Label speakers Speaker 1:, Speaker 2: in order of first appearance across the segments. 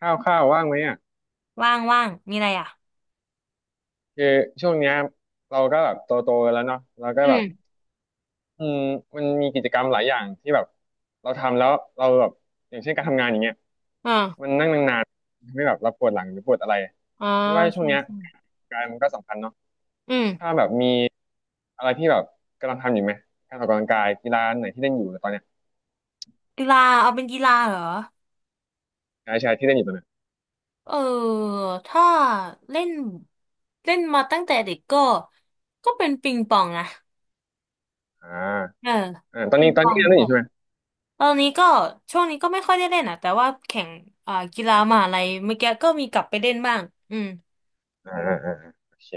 Speaker 1: ข้าวข้าวว่างไหมอ่ะ
Speaker 2: ว่างว่างมีอะไรอ่ะ
Speaker 1: คือช่วงเนี้ยเราก็แบบโตโตแล้วเนาะเราก็
Speaker 2: อื
Speaker 1: แบ
Speaker 2: ม
Speaker 1: บอืมมันมีกิจกรรมหลายอย่างที่แบบเราทำแล้วเราแบบอย่างเช่นการทำงานอย่างเงี้ยมั
Speaker 2: อ่า
Speaker 1: นนั่งนานๆทำให้แบบเราปวดหลังหรือปวดอะไร
Speaker 2: อ่า
Speaker 1: คิดว่าช่ว
Speaker 2: ใช่
Speaker 1: งเนี้ย
Speaker 2: ใช่
Speaker 1: การมันก็สำคัญเนาะ
Speaker 2: อืม
Speaker 1: ถ้าแบบมีอะไรที่แบบกำลังทำอยู่ไหมการออกกำลังกายกีฬาไหนที่เล่นอยู่ตอนเนี้ย
Speaker 2: กีฬาเอาเป็นกีฬาเหรอ
Speaker 1: ใช่ใช่ที่เล่นอยู่ตอนเนี้ย
Speaker 2: เออถ้าเล่นเล่นมาตั้งแต่เด็กก็เป็นปิงปองนะ
Speaker 1: อ่า
Speaker 2: เออ
Speaker 1: อ่าตอน
Speaker 2: ปิ
Speaker 1: นี้
Speaker 2: ง
Speaker 1: ตอ
Speaker 2: ป
Speaker 1: น
Speaker 2: อ
Speaker 1: นี้
Speaker 2: ง
Speaker 1: เล่น
Speaker 2: แบ
Speaker 1: อยู่
Speaker 2: บ
Speaker 1: ใช่ไหม
Speaker 2: ตอนนี้ก็ช่วงนี้ก็ไม่ค่อยได้เล่นอ่ะแต่ว่าแข่งอ่ากีฬามหาลัยเมื่อกี้ก็มีกลับไปเล่นบ้างอืม
Speaker 1: อ่าอ่าอ่าโอเค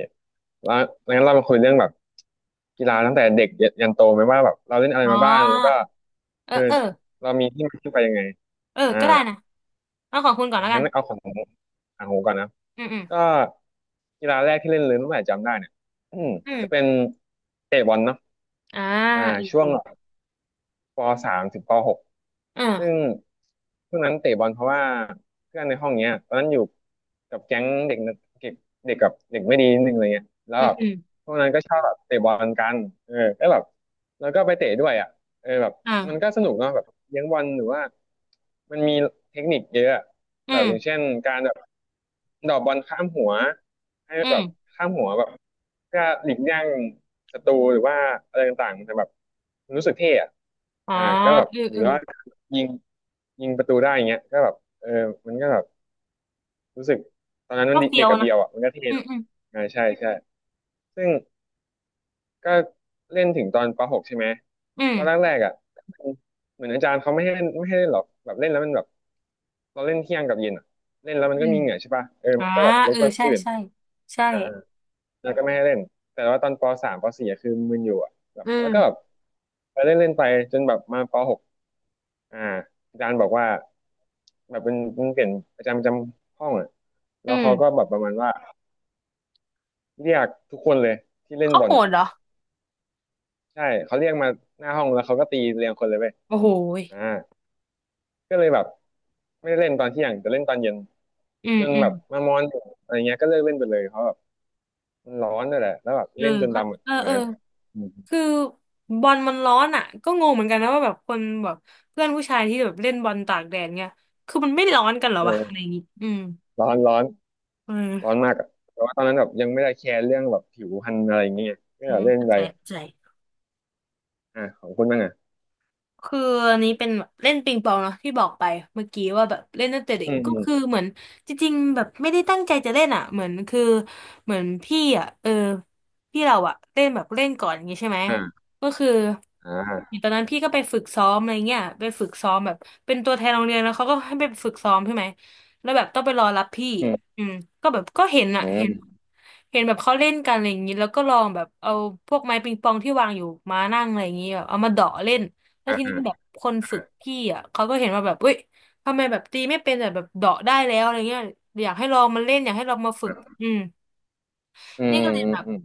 Speaker 1: แล้วงั้นเรามาคุยเรื่องแบบกีฬาตั้งแต่เด็กยันโตไหมว่าแบบเราเล่นอะไร
Speaker 2: อ๋อ
Speaker 1: มาบ้างแล้วก็
Speaker 2: เออ
Speaker 1: คือ
Speaker 2: เออ
Speaker 1: เรามีที่มาที่ไปยังไง
Speaker 2: เออ
Speaker 1: อ่า
Speaker 2: ก็ได้นะเอาของคุณก่อน
Speaker 1: อ่ะ
Speaker 2: แล้วกั
Speaker 1: งั้น
Speaker 2: น
Speaker 1: เอาของอ่างหูก่อนนะ
Speaker 2: อืมอืม
Speaker 1: ก็กีฬาแรกที่เล่นเลยตั้งแต่จำได้เนี่ยอืม
Speaker 2: อื
Speaker 1: จะเป็น
Speaker 2: ม
Speaker 1: เตะบอลเนาะ
Speaker 2: อ่า
Speaker 1: อ่า
Speaker 2: อ
Speaker 1: ช่วง
Speaker 2: ม
Speaker 1: ปสามถึงปหก
Speaker 2: อ
Speaker 1: ซึ่ง
Speaker 2: ม
Speaker 1: ช่วงนั้นเตะบอลเพราะว่าเพื่อนในห้องเนี้ยตอนนั้นอยู่กับแก๊งเด็กนักเก็บเด็กกับเด็กไม่ดีนิดนึงอะไรเงี้ยแล้ว
Speaker 2: อม
Speaker 1: แบบพวกนั้นก็ชอบแบบเตะบอลกันเออแล้วแบบแล้วก็ไปเตะด้วยอ่ะเออแบบมันก็
Speaker 2: อ่า
Speaker 1: สนุกเนาะแบบเลี้ยงบอลหรือว่ามันมีเทคนิคเยอะอะ
Speaker 2: อื
Speaker 1: แบบ
Speaker 2: ม
Speaker 1: อย่างเช่นการแบบดอกบอลข้ามหัวให้
Speaker 2: อื
Speaker 1: แบ
Speaker 2: ม
Speaker 1: บข้ามหัวแบบก็หลีกเลี่ยง สตรูหรือว่าอะไรต่างๆมันจะแบบมันรู้สึกเท่อะ
Speaker 2: อ๋อ
Speaker 1: อ่าก็แบบ
Speaker 2: เออ
Speaker 1: ห
Speaker 2: เอ
Speaker 1: รือ
Speaker 2: อ
Speaker 1: ว่ายิงยิงประตูได้อย่างเงี้ยก็แบบเออมันก็แบบรู้สึกตอนนั้นมั
Speaker 2: ก็
Speaker 1: น
Speaker 2: เฟี้
Speaker 1: เด็
Speaker 2: ย
Speaker 1: ก
Speaker 2: ว
Speaker 1: กับ
Speaker 2: นะ
Speaker 1: เบียวอ่ะมันก็เท่
Speaker 2: อื
Speaker 1: เน
Speaker 2: ม
Speaker 1: อะ
Speaker 2: อืม
Speaker 1: อ่าใช่ใช่ซึ่งก็เล่นถึงตอนป .6 ใช่ไหม
Speaker 2: อืม
Speaker 1: ตอนแรกๆอ่ะเหมือนอาจารย์เขาไม่ให้เล่นหรอกแบบเล่นแล้วมันแบบเราเล่นเที่ยงกับเย็นอ่ะเล่นแล้วมัน
Speaker 2: อื
Speaker 1: ก็
Speaker 2: ม
Speaker 1: มีเหงื่อใช่ป่ะเออ
Speaker 2: อ่า
Speaker 1: มันก็แบบร
Speaker 2: เอ
Speaker 1: บ
Speaker 2: อ
Speaker 1: กวนค
Speaker 2: ใช่
Speaker 1: นอื่น
Speaker 2: ใช่ใช่
Speaker 1: อ่า แล้วก็ไม่ให้เล่น แต่ว่าตอนปสามปสี่อะคือมึนอยู่อะแบบ
Speaker 2: อื
Speaker 1: แล้วก็แบบ
Speaker 2: ม
Speaker 1: ไปเล่นเล่นไปจนแบบมาปหกอ่าอาจารย์บอกว่าแบบเปลี่ยนอาจารย์ประจำห้องอ่ะแล้
Speaker 2: อื
Speaker 1: ว
Speaker 2: ม
Speaker 1: เขาก็แบบประมาณว่าเรียกทุกคนเลยที่เล่น
Speaker 2: เขา
Speaker 1: บอ
Speaker 2: โห
Speaker 1: ลอะ
Speaker 2: ดเหรอ
Speaker 1: ใช่เขาเรียกมาหน้าห้องแล้วเขาก็ตีเรียงคนเลยเว้ย
Speaker 2: โอ้โหย
Speaker 1: อ่าก็เลยแบบไม่ได้เล่นตอนเที่ยงแต่เล่นตอนเย็น
Speaker 2: อื
Speaker 1: จ
Speaker 2: ม
Speaker 1: น
Speaker 2: อื
Speaker 1: แบ
Speaker 2: ม
Speaker 1: บมามอนอะไรเงี้ยก็เลิกเล่นไปเลยเพราะแบบมันร้อนด้วยแหละแล้วแบบ
Speaker 2: เออ
Speaker 1: เล่นจน
Speaker 2: เขา
Speaker 1: ดำอะ
Speaker 2: เออ
Speaker 1: สมั
Speaker 2: เอ
Speaker 1: ย
Speaker 2: อ
Speaker 1: นั้นอืม
Speaker 2: คือบอลมันร้อนอ่ะก็งงเหมือนกันนะว่าแบบคนแบบเพื่อนผู้ชายที่แบบเล่นบอลตากแดดเนี่ยคือมันไม่ร้อนกันเหรอวะอะไร
Speaker 1: เออ
Speaker 2: อย่างงี้อืม
Speaker 1: ร้อนร้อน
Speaker 2: เ
Speaker 1: ร้อน
Speaker 2: ออ
Speaker 1: มากอะแต่ว่าตอนนั้นแบบยังไม่ได้แคร์เรื่องแบบผิวพรรณอะไรอย่างเงี้ยก็
Speaker 2: อื
Speaker 1: แบบ
Speaker 2: ม
Speaker 1: เล่น
Speaker 2: เข้า
Speaker 1: ไป
Speaker 2: ใจเข้าใจ
Speaker 1: อ่าของคุณบ้างอ่ะ
Speaker 2: คืออันนี้เป็นเล่นปิงปองเนาะที่บอกไปเมื่อกี้ว่าแบบเล่นตั้งแต่เด็
Speaker 1: อื
Speaker 2: ก
Speaker 1: ม
Speaker 2: ก็
Speaker 1: อื
Speaker 2: คือ
Speaker 1: ม
Speaker 2: เหมือนจริงๆแบบไม่ได้ตั้งใจจะเล่นอ่ะเหมือนคือเหมือนพี่อ่ะเออพี่เราอ่ะเล่นแบบเล่นก่อนอย่างงี้ใช่ไหม
Speaker 1: อ่า
Speaker 2: ก็คือ
Speaker 1: อ่า
Speaker 2: ตอนนั้นพี่ก็ไปฝึกซ้อมอะไรเงี้ยไปฝึกซ้อมแบบเป็นตัวแทนโรงเรียนแล้วเขาก็ให้ไปฝึกซ้อมใช่ไหมแล้วแบบต้องไปรอรับพี่
Speaker 1: อืม
Speaker 2: อืมก็แบบก็เห็นอ่ะ
Speaker 1: อื
Speaker 2: เห็น
Speaker 1: ม
Speaker 2: เห็นแบบเขาเล่นกันอะไรอย่างงี้แล้วก็ลองแบบเอาพวกไม้ปิงปองที่วางอยู่มานั่งอะไรอย่างงี้แบบเอามาเดาะเล่น แล้วที
Speaker 1: อ่า
Speaker 2: นี้แบบคนฝึกพี่อ่ะเขาก็เห็นว่าแบบเว้ยทำไมแบบตีไม่เป็นแต่แบบเดาะได้แล้วอะไรเงี้ยอยากให้ลองมาเล่นอยากให้ลองมาฝึกอืม
Speaker 1: อื
Speaker 2: นี่
Speaker 1: ม
Speaker 2: ก็เลย
Speaker 1: อื
Speaker 2: แบ
Speaker 1: ม
Speaker 2: บ
Speaker 1: อืม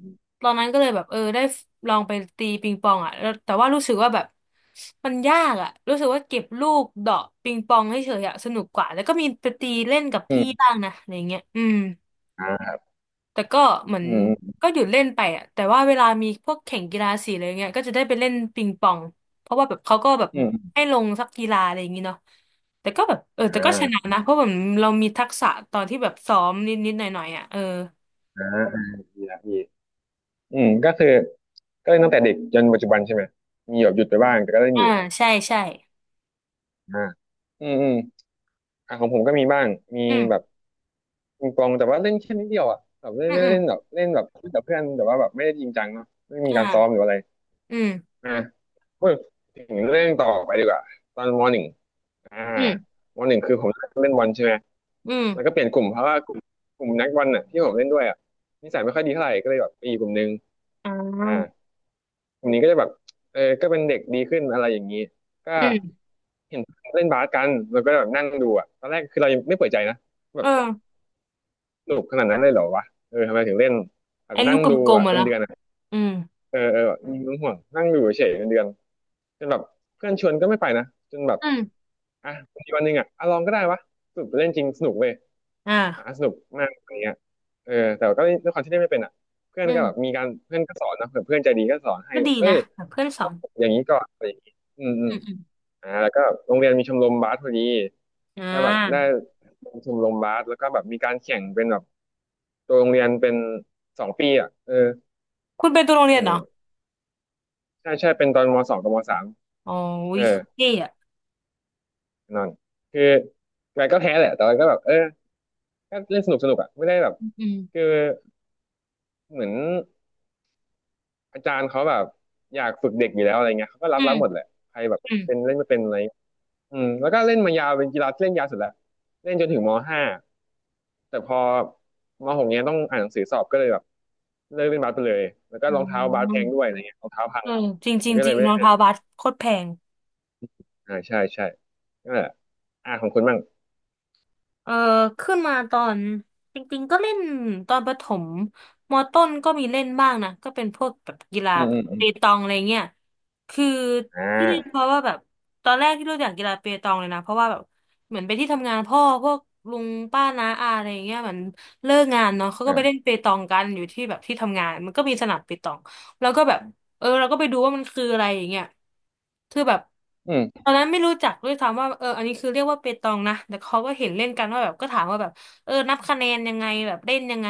Speaker 2: ตอนนั้นก็เลยแบบเออได้ลองไปตีปิงปองอ่ะแล้วแต่ว่ารู้สึกว่าแบบมันยากอ่ะรู้สึกว่าเก็บลูกเดาะปิงปองให้เฉยๆอะสนุกกว่าแล้วก็มีไปตีเล่นกับ
Speaker 1: อื
Speaker 2: พี่
Speaker 1: ม
Speaker 2: บ้างนะอะไรเงี้ยอืม
Speaker 1: อ่า
Speaker 2: แต่ก็เหมือน
Speaker 1: อืม
Speaker 2: ก็หยุดเล่นไปอะแต่ว่าเวลามีพวกแข่งกีฬาสีอะไรเงี้ยก็จะได้ไปเล่นปิงปองเพราะว่าแบบเขาก็แบบ
Speaker 1: อืม
Speaker 2: ให้ลงสักกีฬาอะไรอย่างงี้เนาะแต่ก็แบบเออแต่
Speaker 1: อ่า
Speaker 2: ก็ชนะนะเพราะแบบเรามีทักษะตอนที่แบบซ้อมนิดๆหน่อยๆอ่ะเออ
Speaker 1: อ่าอ่าดีละดีอืมก็คือก็เล่นตั้งแต่เด็กจนปัจจุบันใช่ไหมมีแบบหยุดไปบ้างแต่ก็เล่นอ
Speaker 2: อ่า
Speaker 1: ยู่
Speaker 2: ใช่ใช่
Speaker 1: อ่าอืมอืมอ่ะของผมก็มีบ้างมี
Speaker 2: อื
Speaker 1: แบบ
Speaker 2: ม
Speaker 1: ปิงปองแต่ว่าเล่นแค่นิดเดียวอ่ะแบบเล่น
Speaker 2: อืม
Speaker 1: ไม่ได้
Speaker 2: อืม
Speaker 1: เล่นแบบเล่นแบบเล่นกับเพื่อนแต่ว่าแบบไม่ได้จริงจังเนาะไม่มีการซ้อมห
Speaker 2: อ่า
Speaker 1: รืออะไร
Speaker 2: อืม
Speaker 1: พูดถึงเรื่องต่อไปดีกว่าตอนมหนึ่งอ่า
Speaker 2: อืม
Speaker 1: มหนึ่งคือผมเล่นบอลใช่ไหม
Speaker 2: อื
Speaker 1: แล้วก็
Speaker 2: ม
Speaker 1: เปลี่ยนกลุ่มเพราะว่ากลุ่มนักบอลน่ะที่ผมเล่นด้วยอ่ะนิสัยไม่ค่อยดีเท่าไหร่ก็เลยแบบไปอยู่กลุ่มนึง
Speaker 2: อ่
Speaker 1: อ่า
Speaker 2: า
Speaker 1: กลุ่มนี้ก็จะแบบเออก็เป็นเด็กดีขึ้นอะไรอย่างนี้ก็
Speaker 2: อืม
Speaker 1: เห็นเล่นบาสกันแล้วก็แบบนั่งดูอ่ะตอนแรกคือเรายังไม่เปิดใจนะแบ
Speaker 2: เอ
Speaker 1: บ
Speaker 2: อ
Speaker 1: สนุกขนาดนั้นเลยเหรอวะเออทำไมถึงเล่นแบบ
Speaker 2: ไอ้ลู
Speaker 1: นั่ง
Speaker 2: กก
Speaker 1: ดู
Speaker 2: ลม
Speaker 1: อ่ะ
Speaker 2: ๆอะ
Speaker 1: เป็น
Speaker 2: เนาะ
Speaker 1: เดือนอะ
Speaker 2: อืม
Speaker 1: เออเออแบบมีเ่วงห่วงนั่งดูเฉยๆเป็นเดือนจนแบบเพื่อนชวนก็ไม่ไปนะจนแบบ
Speaker 2: อืม
Speaker 1: อ่ะมีวันหนึ่งอ่ะอ่ะลองก็ได้วะสนุกเล่นจริงสนุกเว้ยอ่ะ
Speaker 2: อ่า
Speaker 1: สนุกมากอะไรเงี้ยเออแต่ก็ด้วยความที่เล่นไม่เป็นอ่ะเพื่อน
Speaker 2: อื
Speaker 1: ก็แบบ
Speaker 2: ม
Speaker 1: มีการเพื่อนก็สอนนะเผื่อเพื่อนใจดีก็สอนให้
Speaker 2: ก็
Speaker 1: แบ
Speaker 2: ดี
Speaker 1: บเอ้
Speaker 2: นะ
Speaker 1: ย
Speaker 2: แบบเพื่อนสอ
Speaker 1: ต้อง
Speaker 2: น
Speaker 1: อย่างนี้ก่อนอะไรอย่างนี้อืมอืม
Speaker 2: อืมอืม
Speaker 1: อ่าแล้วก็โรงเรียนมีชมรมบาสพอดี
Speaker 2: อ่
Speaker 1: ก็แบบได้
Speaker 2: า
Speaker 1: ลชมรมบาสแล้วก็แบบมีการแข่งเป็นแบบตัวโรงเรียนเป็นสองปีอ่ะเออ
Speaker 2: คุณเป็นตัวโรงเรียน
Speaker 1: แข่ง
Speaker 2: เหรอ
Speaker 1: ใช่ใช่เป็นตอนมสองกับมสาม
Speaker 2: อ๋อ
Speaker 1: เอ
Speaker 2: วิ
Speaker 1: อ
Speaker 2: เขาเท่อะ
Speaker 1: นั่นคือไงก็แพ้แหละแต่ว่าก็แบบเออก็เล่นสนุกสนุกอ่ะไม่ได้แบบ
Speaker 2: อืม
Speaker 1: คือ เหมือนอาจารย์เขาแบบอยากฝึกเด็กอยู่แล้วอะไรเงี้ยเขาก็รั
Speaker 2: อื
Speaker 1: บ
Speaker 2: ม
Speaker 1: รับหมดแหละใครแบบ
Speaker 2: อืม
Speaker 1: เป็นเล่นไม่เป็นอะไรอืมแล้วก็เล่นมายาวเป็นกีฬาที่เล่นยาวสุดแล้วเล่นจนถึงม.5แต่พอมหกเนี้ยต้องอ่านหนังสือสอบก็เลยแบบเลิกเล่นบาสไปเลยแล้วก็
Speaker 2: อื
Speaker 1: รองเท้าบาส
Speaker 2: ม
Speaker 1: แพงด้วยอะไรเงี้ยรองเท้าพัง
Speaker 2: เออจริงจ
Speaker 1: มั
Speaker 2: ริ
Speaker 1: น
Speaker 2: ง
Speaker 1: ก็
Speaker 2: จ
Speaker 1: เล
Speaker 2: ริ
Speaker 1: ย
Speaker 2: ง
Speaker 1: ไม่
Speaker 2: ร
Speaker 1: ได้
Speaker 2: อง
Speaker 1: เล่น
Speaker 2: เท้าบาสโคตรแพง
Speaker 1: อ่าใช่ใช่นั่นแหละอ่าของคุณบ้าง
Speaker 2: เออขึ้นมาตอนจริงๆก็เล่นตอนประถมมอต้นก็มีเล่นบ้างนะก็เป็นพวกแบบกีฬา
Speaker 1: อืม
Speaker 2: แบ
Speaker 1: อื
Speaker 2: บ
Speaker 1: มอื
Speaker 2: เป
Speaker 1: ม
Speaker 2: ตองอะไรเงี้ยคือ
Speaker 1: อ่
Speaker 2: ที่เล่นเพ
Speaker 1: า
Speaker 2: ราะว่าแบบตอนแรกที่รู้จักกีฬาเปตองเลยนะเพราะว่าแบบเหมือนไปที่ทำงานพ่อพวกลุงป้าน้าอาอะไรเงี้ยเหมือนเลิกงานเนาะเขาก็ไปเล่น
Speaker 1: อ่า
Speaker 2: เปตองกันอยู่ที่แบบที่ทำงานมันก็มีสนามเปตองแล้วก็แบบ เออเราก็ไปดูว่ามันคืออะไรอย่างเงี้ยคือแบบ
Speaker 1: อื
Speaker 2: ต
Speaker 1: ม
Speaker 2: อนนั้นไม่รู้จักด้วยซ้ำว่าเอออันนี้คือเรียกว่าเปตองนะแต่เขาก็เห็นเล่นกันว่าแบบก็ถามว่าแบบเออนับคะแนนยังไงแบบเล่นยังไง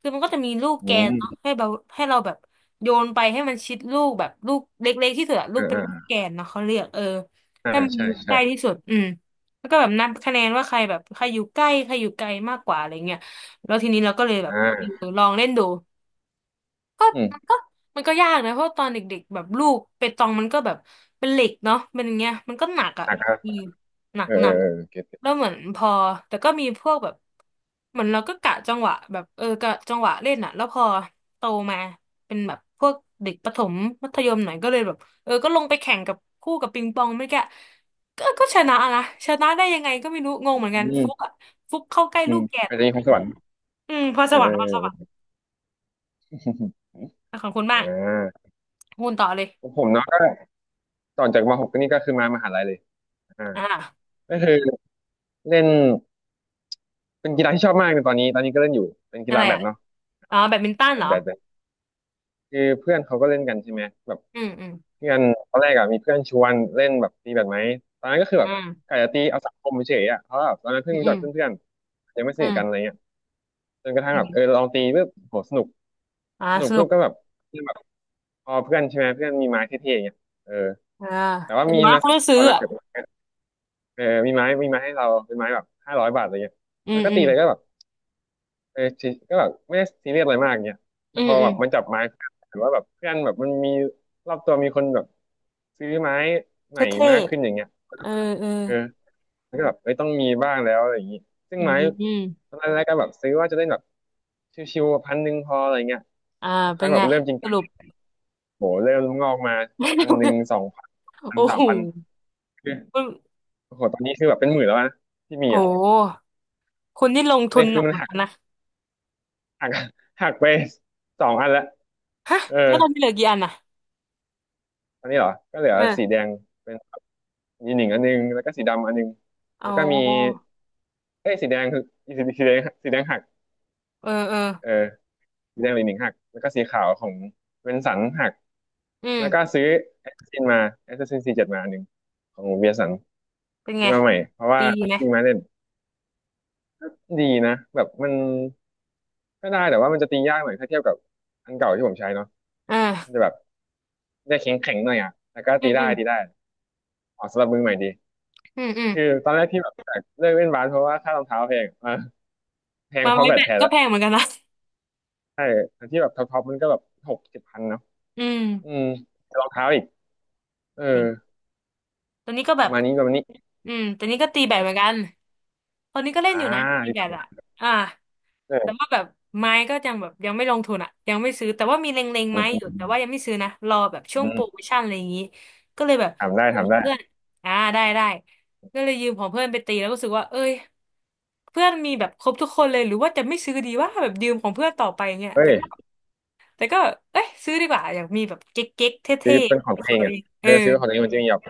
Speaker 2: คือมันก็จะมีลูก
Speaker 1: อื
Speaker 2: แกน
Speaker 1: ม
Speaker 2: เนาะให้เราแบบโยนไปให้มันชิดลูกแบบลูกเล็กๆที่สุดอะลูก
Speaker 1: อ่า
Speaker 2: เป็น
Speaker 1: อ่
Speaker 2: ลูก
Speaker 1: า
Speaker 2: แกนเนาะเขาเรียกเออ
Speaker 1: อ่า
Speaker 2: ให้มันอ
Speaker 1: ใช่
Speaker 2: ยู่ใก
Speaker 1: ใช่
Speaker 2: ล้ที่สุดอืมแล้วก็แบบนับคะแนนว่าใครแบบใครอยู่ใกล้ใครอยู่ไกลมากกว่าอะไรเงี้ยแล้วทีนี้เราก็เลยแบ
Speaker 1: อ่
Speaker 2: บ
Speaker 1: า
Speaker 2: เออลองเล่นดู ก็
Speaker 1: อื
Speaker 2: มัน
Speaker 1: ม
Speaker 2: ก็มันก็ยากนะเพราะตอนเด็กๆแบบลูกเปตองมันก็แบบเป็นเหล็กเนาะเป็นอย่างเงี้ยมันก็หนักอ่ะ
Speaker 1: อ่ะครับ
Speaker 2: อืมหนัก
Speaker 1: เออ
Speaker 2: ห
Speaker 1: เอ
Speaker 2: นั
Speaker 1: อ
Speaker 2: ก
Speaker 1: เออเก็ตเก็ต
Speaker 2: แล้วเหมือนพอแต่ก็มีพวกแบบเหมือนเราก็กะจังหวะแบบเออกะจังหวะเล่นอ่ะแล้วพอโตมาเป็นแบบพวกเด็กประถมมัธยมหน่อยก็เลยแบบเออก็ลงไปแข่งกับคู่กับปิงปองไม่แกะก็ชนะนะชนะได้ยังไงก็ไม่รู้งงเหมือนกัน
Speaker 1: อื
Speaker 2: ฟุก
Speaker 1: ม
Speaker 2: อ่ะฟุกเข้าใกล้
Speaker 1: อื
Speaker 2: ลู
Speaker 1: ม
Speaker 2: กแกน
Speaker 1: อาจจะ
Speaker 2: อะ
Speaker 1: มีพรสวรรค์
Speaker 2: อืมพอ
Speaker 1: เอ
Speaker 2: ส
Speaker 1: อ
Speaker 2: วร
Speaker 1: เอ
Speaker 2: รค์พอสวรร
Speaker 1: อ
Speaker 2: ค์ อ่ะของคุณ
Speaker 1: อ่
Speaker 2: บ้าง
Speaker 1: า
Speaker 2: คุณต่อเลย
Speaker 1: ผมเนาะก็ต่อจากมหกก็นี่ก็คือมามหาลัยเลยอ่า
Speaker 2: อ่า
Speaker 1: ก็คือเล่นเป็นกีฬาที่ชอบมากในตอนนี้ตอนนี้ก็เล่นอยู่เป็นกี
Speaker 2: อะ
Speaker 1: ฬา
Speaker 2: ไร
Speaker 1: แบ
Speaker 2: อ่ะ
Speaker 1: ดเนาะ
Speaker 2: อ๋อแบดมินตัน
Speaker 1: แบ
Speaker 2: เหร
Speaker 1: ด
Speaker 2: อ
Speaker 1: แบดแบดคือเพื่อนเขาก็เล่นกันใช่ไหมแบบ
Speaker 2: อืมอืม
Speaker 1: เพื่อนตอนแรกอะมีเพื่อนชวนเล่นแบบตีแบดไหมตอนนั้นก็คือ
Speaker 2: อื
Speaker 1: แบบ
Speaker 2: ม
Speaker 1: กะจะตีเอาสังคมเฉยๆอะเพราะว่าแบบตอนนั้นเพิ่
Speaker 2: อื
Speaker 1: ง
Speaker 2: ม
Speaker 1: รู้
Speaker 2: อื
Speaker 1: จั
Speaker 2: ม
Speaker 1: กเพื่อนๆยังไม่ส
Speaker 2: อื
Speaker 1: นิทกันอะไร
Speaker 2: ม
Speaker 1: เงี้ยจนกระทั่ง
Speaker 2: อื
Speaker 1: แบบเออ
Speaker 2: ม
Speaker 1: ลองตีปุ๊บโหสนุก
Speaker 2: อ่า
Speaker 1: สนุ
Speaker 2: ส
Speaker 1: ก
Speaker 2: นุ
Speaker 1: ปุ๊
Speaker 2: ก
Speaker 1: บก็แบบเพื่อนแบบพอเพื่อนใช่ไหมเพื่อนมีไม้เท่ๆอย่างเงี้ยเออ
Speaker 2: อ่า
Speaker 1: แต่ว่า
Speaker 2: เดี๋ย
Speaker 1: มี
Speaker 2: วนะ
Speaker 1: มาส
Speaker 2: เขา
Speaker 1: อง
Speaker 2: ต้อง
Speaker 1: ค
Speaker 2: ซื้อ
Speaker 1: นนะ
Speaker 2: อ่ะ
Speaker 1: แบบ เออมีไม้ให้เราเป็นไม้แบบ500 บาทอะไรเงี้ย
Speaker 2: อื
Speaker 1: แล้
Speaker 2: ม
Speaker 1: วก็
Speaker 2: อื
Speaker 1: ตี
Speaker 2: ม
Speaker 1: ไปก็แบบเออชิก็แบบไม่ได้ซีเรียสอะไรมากเงี้ย
Speaker 2: อื
Speaker 1: แต่พ
Speaker 2: ม
Speaker 1: อ
Speaker 2: อื
Speaker 1: แบ
Speaker 2: ม
Speaker 1: บมันจับไม้หรือว่าแบบเพื่อนแบบมันมีรอบตัวมีคนแบบซื้อไม้ใหม่
Speaker 2: เท่
Speaker 1: มากขึ้นอย่างเงี้ยก็
Speaker 2: ๆเอ
Speaker 1: แบ
Speaker 2: อ
Speaker 1: บ
Speaker 2: เออ
Speaker 1: เออแล้วก็แบบเอ้ยต้องมีบ้างแล้วอะไรอย่างงี้ซึ่ง
Speaker 2: อื
Speaker 1: ไม้
Speaker 2: มอืม
Speaker 1: ตอนแรกๆก็แบบซื้อว่าจะเล่นแบบชิวๆพันหนึ่งพออะไรเงี้ย
Speaker 2: อ่า
Speaker 1: สัก
Speaker 2: เป็
Speaker 1: พั
Speaker 2: น
Speaker 1: กแบ
Speaker 2: ไง
Speaker 1: บเริ่มจริง
Speaker 2: ส
Speaker 1: จัง
Speaker 2: รุป
Speaker 1: โหเริ่มงอกมา1,000 2,000 พัน
Speaker 2: โอ้
Speaker 1: สา
Speaker 2: โห
Speaker 1: มพัน
Speaker 2: คุณ
Speaker 1: โอ้โหตอนนี้คือแบบเป็นหมื่นแล้วนะที่มี
Speaker 2: โห
Speaker 1: อ่ะ
Speaker 2: คุณนี่ลงทุ
Speaker 1: เล
Speaker 2: น
Speaker 1: ย
Speaker 2: ห
Speaker 1: คื
Speaker 2: นั
Speaker 1: อ
Speaker 2: ก
Speaker 1: มัน
Speaker 2: เหมือน
Speaker 1: หา
Speaker 2: กันนะ
Speaker 1: หัก หักไปสองอันละ
Speaker 2: ฮะ
Speaker 1: เออ
Speaker 2: แล้วตอนนี้เหลือกี่อันน่ะ
Speaker 1: อันนี้เหรอก็เหลือ
Speaker 2: เอ
Speaker 1: สีแด
Speaker 2: อ
Speaker 1: งเป็นยีหนิงอันนึงแล้วก็สีดำอันนึง
Speaker 2: อ๋อ
Speaker 1: แล้วก็มีเอ้ยสีแดงคือสีสีแดงสีแดงหัก
Speaker 2: เออเออ
Speaker 1: เออสีแดงหลีหนิงหักแล้วก็สีขาวของเวนสันหัก
Speaker 2: อื
Speaker 1: แล้วก็
Speaker 2: ม
Speaker 1: ซื้อแอสซินมาแอสซิน47มาอันหนึ่งของเวียสัน
Speaker 2: เป็น
Speaker 1: ซื้
Speaker 2: ไง
Speaker 1: อมาใหม่เพราะว่า
Speaker 2: ดีดีไหม
Speaker 1: มีมาเล่นดีนะแบบมันก็ได้แต่ว่ามันจะตียากหน่อยถ้าเทียบกับอันเก่าที่ผมใช้เนาะ
Speaker 2: เออ
Speaker 1: มันจะแบบ จะแข็งแข็งหน่อยอ่ะแต่ก็
Speaker 2: อื
Speaker 1: ตี
Speaker 2: ม
Speaker 1: ได้
Speaker 2: อืม
Speaker 1: ตีได้ออกสำหรับมือใหม่ดี
Speaker 2: อืมอืม
Speaker 1: คือตอนแรกที่แบบเลิกเล่นบาสเพราะว่าค่ารองเท้าแพงอ่ะแพง
Speaker 2: มา
Speaker 1: เพ
Speaker 2: ไม้
Speaker 1: ราะแบ
Speaker 2: แบ
Speaker 1: ตแท
Speaker 2: ต
Speaker 1: น
Speaker 2: ก็
Speaker 1: ละ
Speaker 2: แพงเหมือนกันนะ
Speaker 1: ใช่อันที่แบบท็อปๆมันก็แบบ6,000 7,000เนาะ
Speaker 2: อืม
Speaker 1: อืมรองเท้าอีกเออ
Speaker 2: ตอนนี้ก็
Speaker 1: ป
Speaker 2: แบ
Speaker 1: ระ
Speaker 2: บ
Speaker 1: มาณนี้ประมาณนี้
Speaker 2: ตอนนี้ก็ตีแบดเหมือน
Speaker 1: อ่า
Speaker 2: กันตอนนี้ก็เล่น
Speaker 1: อ่า
Speaker 2: อยู่นะ ตี
Speaker 1: นี่
Speaker 2: แบ
Speaker 1: ประ
Speaker 2: ด
Speaker 1: มา
Speaker 2: อ่ะ
Speaker 1: ณนั้น
Speaker 2: อ่าแต่
Speaker 1: เออ
Speaker 2: ว่าแบบไม้ก็ยังแบบยังไม่ลงทุนอ่ะยังไม่ซื้อแต่ว่ามีเล็งๆ
Speaker 1: อืม
Speaker 2: ไม้
Speaker 1: อื
Speaker 2: อยู่
Speaker 1: ม
Speaker 2: แต่ว่ายังไม่ซื้อนะรอแบบช่
Speaker 1: อื
Speaker 2: วงโปร
Speaker 1: ม
Speaker 2: โมชั่นอะไรอย่างนี้ก็เลยแบบ
Speaker 1: ถามได้
Speaker 2: ยื
Speaker 1: ถา
Speaker 2: ม
Speaker 1: มได้
Speaker 2: เพื่อนอ่าได้ได้ก็เลยยืมของเพื่อนไปตีแล้วก็รู้สึกว่าเอ้ยเพื่อนมีแบบครบทุกคนเลยหรือว่าจะไม่ซื้อดีว่าแบบยืมของเพื่อนต่อไปอย่างเงี้ย
Speaker 1: เฮ้
Speaker 2: แต่
Speaker 1: ย
Speaker 2: ก็แต่ก็เอ้ยซื้อดีกว่าอยากมีแบบเก๊กๆเท
Speaker 1: ซื้
Speaker 2: ่
Speaker 1: อเป็นข
Speaker 2: ๆ
Speaker 1: อง
Speaker 2: เป็น
Speaker 1: ตั
Speaker 2: ข
Speaker 1: ว
Speaker 2: อ
Speaker 1: เอ
Speaker 2: ง
Speaker 1: ง
Speaker 2: ตัว
Speaker 1: อ่ะ
Speaker 2: เองเอ
Speaker 1: เอ
Speaker 2: อ
Speaker 1: อซื้อของตัวเองมันจะมีแบบ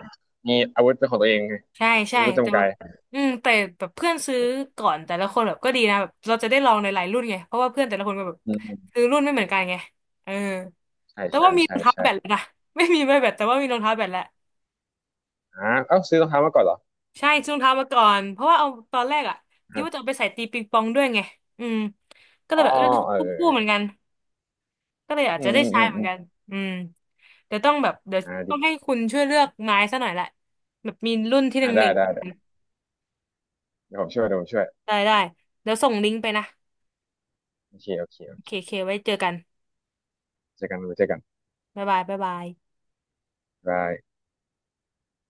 Speaker 1: มีอาวุธเป็นของตัวเองไง
Speaker 2: ใช่ใช่
Speaker 1: อาวุธ
Speaker 2: แต่
Speaker 1: จำ
Speaker 2: แบ
Speaker 1: กา
Speaker 2: บ
Speaker 1: ย
Speaker 2: อืมแต่แบบเพื่อนซื้อก่อนแต่ละคนแบบก็ดีนะแบบเราจะได้ลองหลายๆรุ่นไงเพราะว่าเพื่อนแต่ละคนก็แบบ
Speaker 1: อืมอืม
Speaker 2: ซื้อรุ่นไม่เหมือนกันไงเออ
Speaker 1: ใช่
Speaker 2: แต่
Speaker 1: ใช่
Speaker 2: ว่ามีรอ
Speaker 1: ใช่
Speaker 2: งเท้า
Speaker 1: ใช่
Speaker 2: แบตแล้วนะ ไม่มีไม่แบตแต่ว่ามีรองเท้าแบตแล้ว
Speaker 1: อ่าเอ้าซื้อรองเท้ามาก่อนเหรอ
Speaker 2: ใช่ซื้อรองเท้ามาก่อนเพราะว่าเอาตอนแรกอ่ะคิดว่าจะ
Speaker 1: อ่า
Speaker 2: เอาไปใส่ตีปิงปองด้วยไงอืมก็เล
Speaker 1: อ๋
Speaker 2: ย
Speaker 1: อ
Speaker 2: แบบเออ
Speaker 1: เออ
Speaker 2: คู่ๆเหมือ
Speaker 1: เออ
Speaker 2: นกันก็เลยอาจ
Speaker 1: อื
Speaker 2: จะ
Speaker 1: ม
Speaker 2: ได้
Speaker 1: อืม
Speaker 2: ใช้
Speaker 1: อืม
Speaker 2: เหมื
Speaker 1: อื
Speaker 2: อน
Speaker 1: ม
Speaker 2: กันอืมเดี๋ยวต้องให้
Speaker 1: อ่า
Speaker 2: คุณช่วยเลือกไม้ซะหน่อยละแบบมีรุ่นที่ห
Speaker 1: อ่า
Speaker 2: นึ่งห
Speaker 1: ได้
Speaker 2: นึ่ง
Speaker 1: ได้ได้เดี๋ยวผมช่วยเดี๋ยวผมช่วย
Speaker 2: ได้ได้เดี๋ยวส่งลิงก์ไปนะ
Speaker 1: โอเคโอเคโอ
Speaker 2: โอเค
Speaker 1: เค
Speaker 2: โอเคไว้เจอกัน
Speaker 1: เจอกัน
Speaker 2: บ๊ายบายบ๊ายบาย
Speaker 1: บาย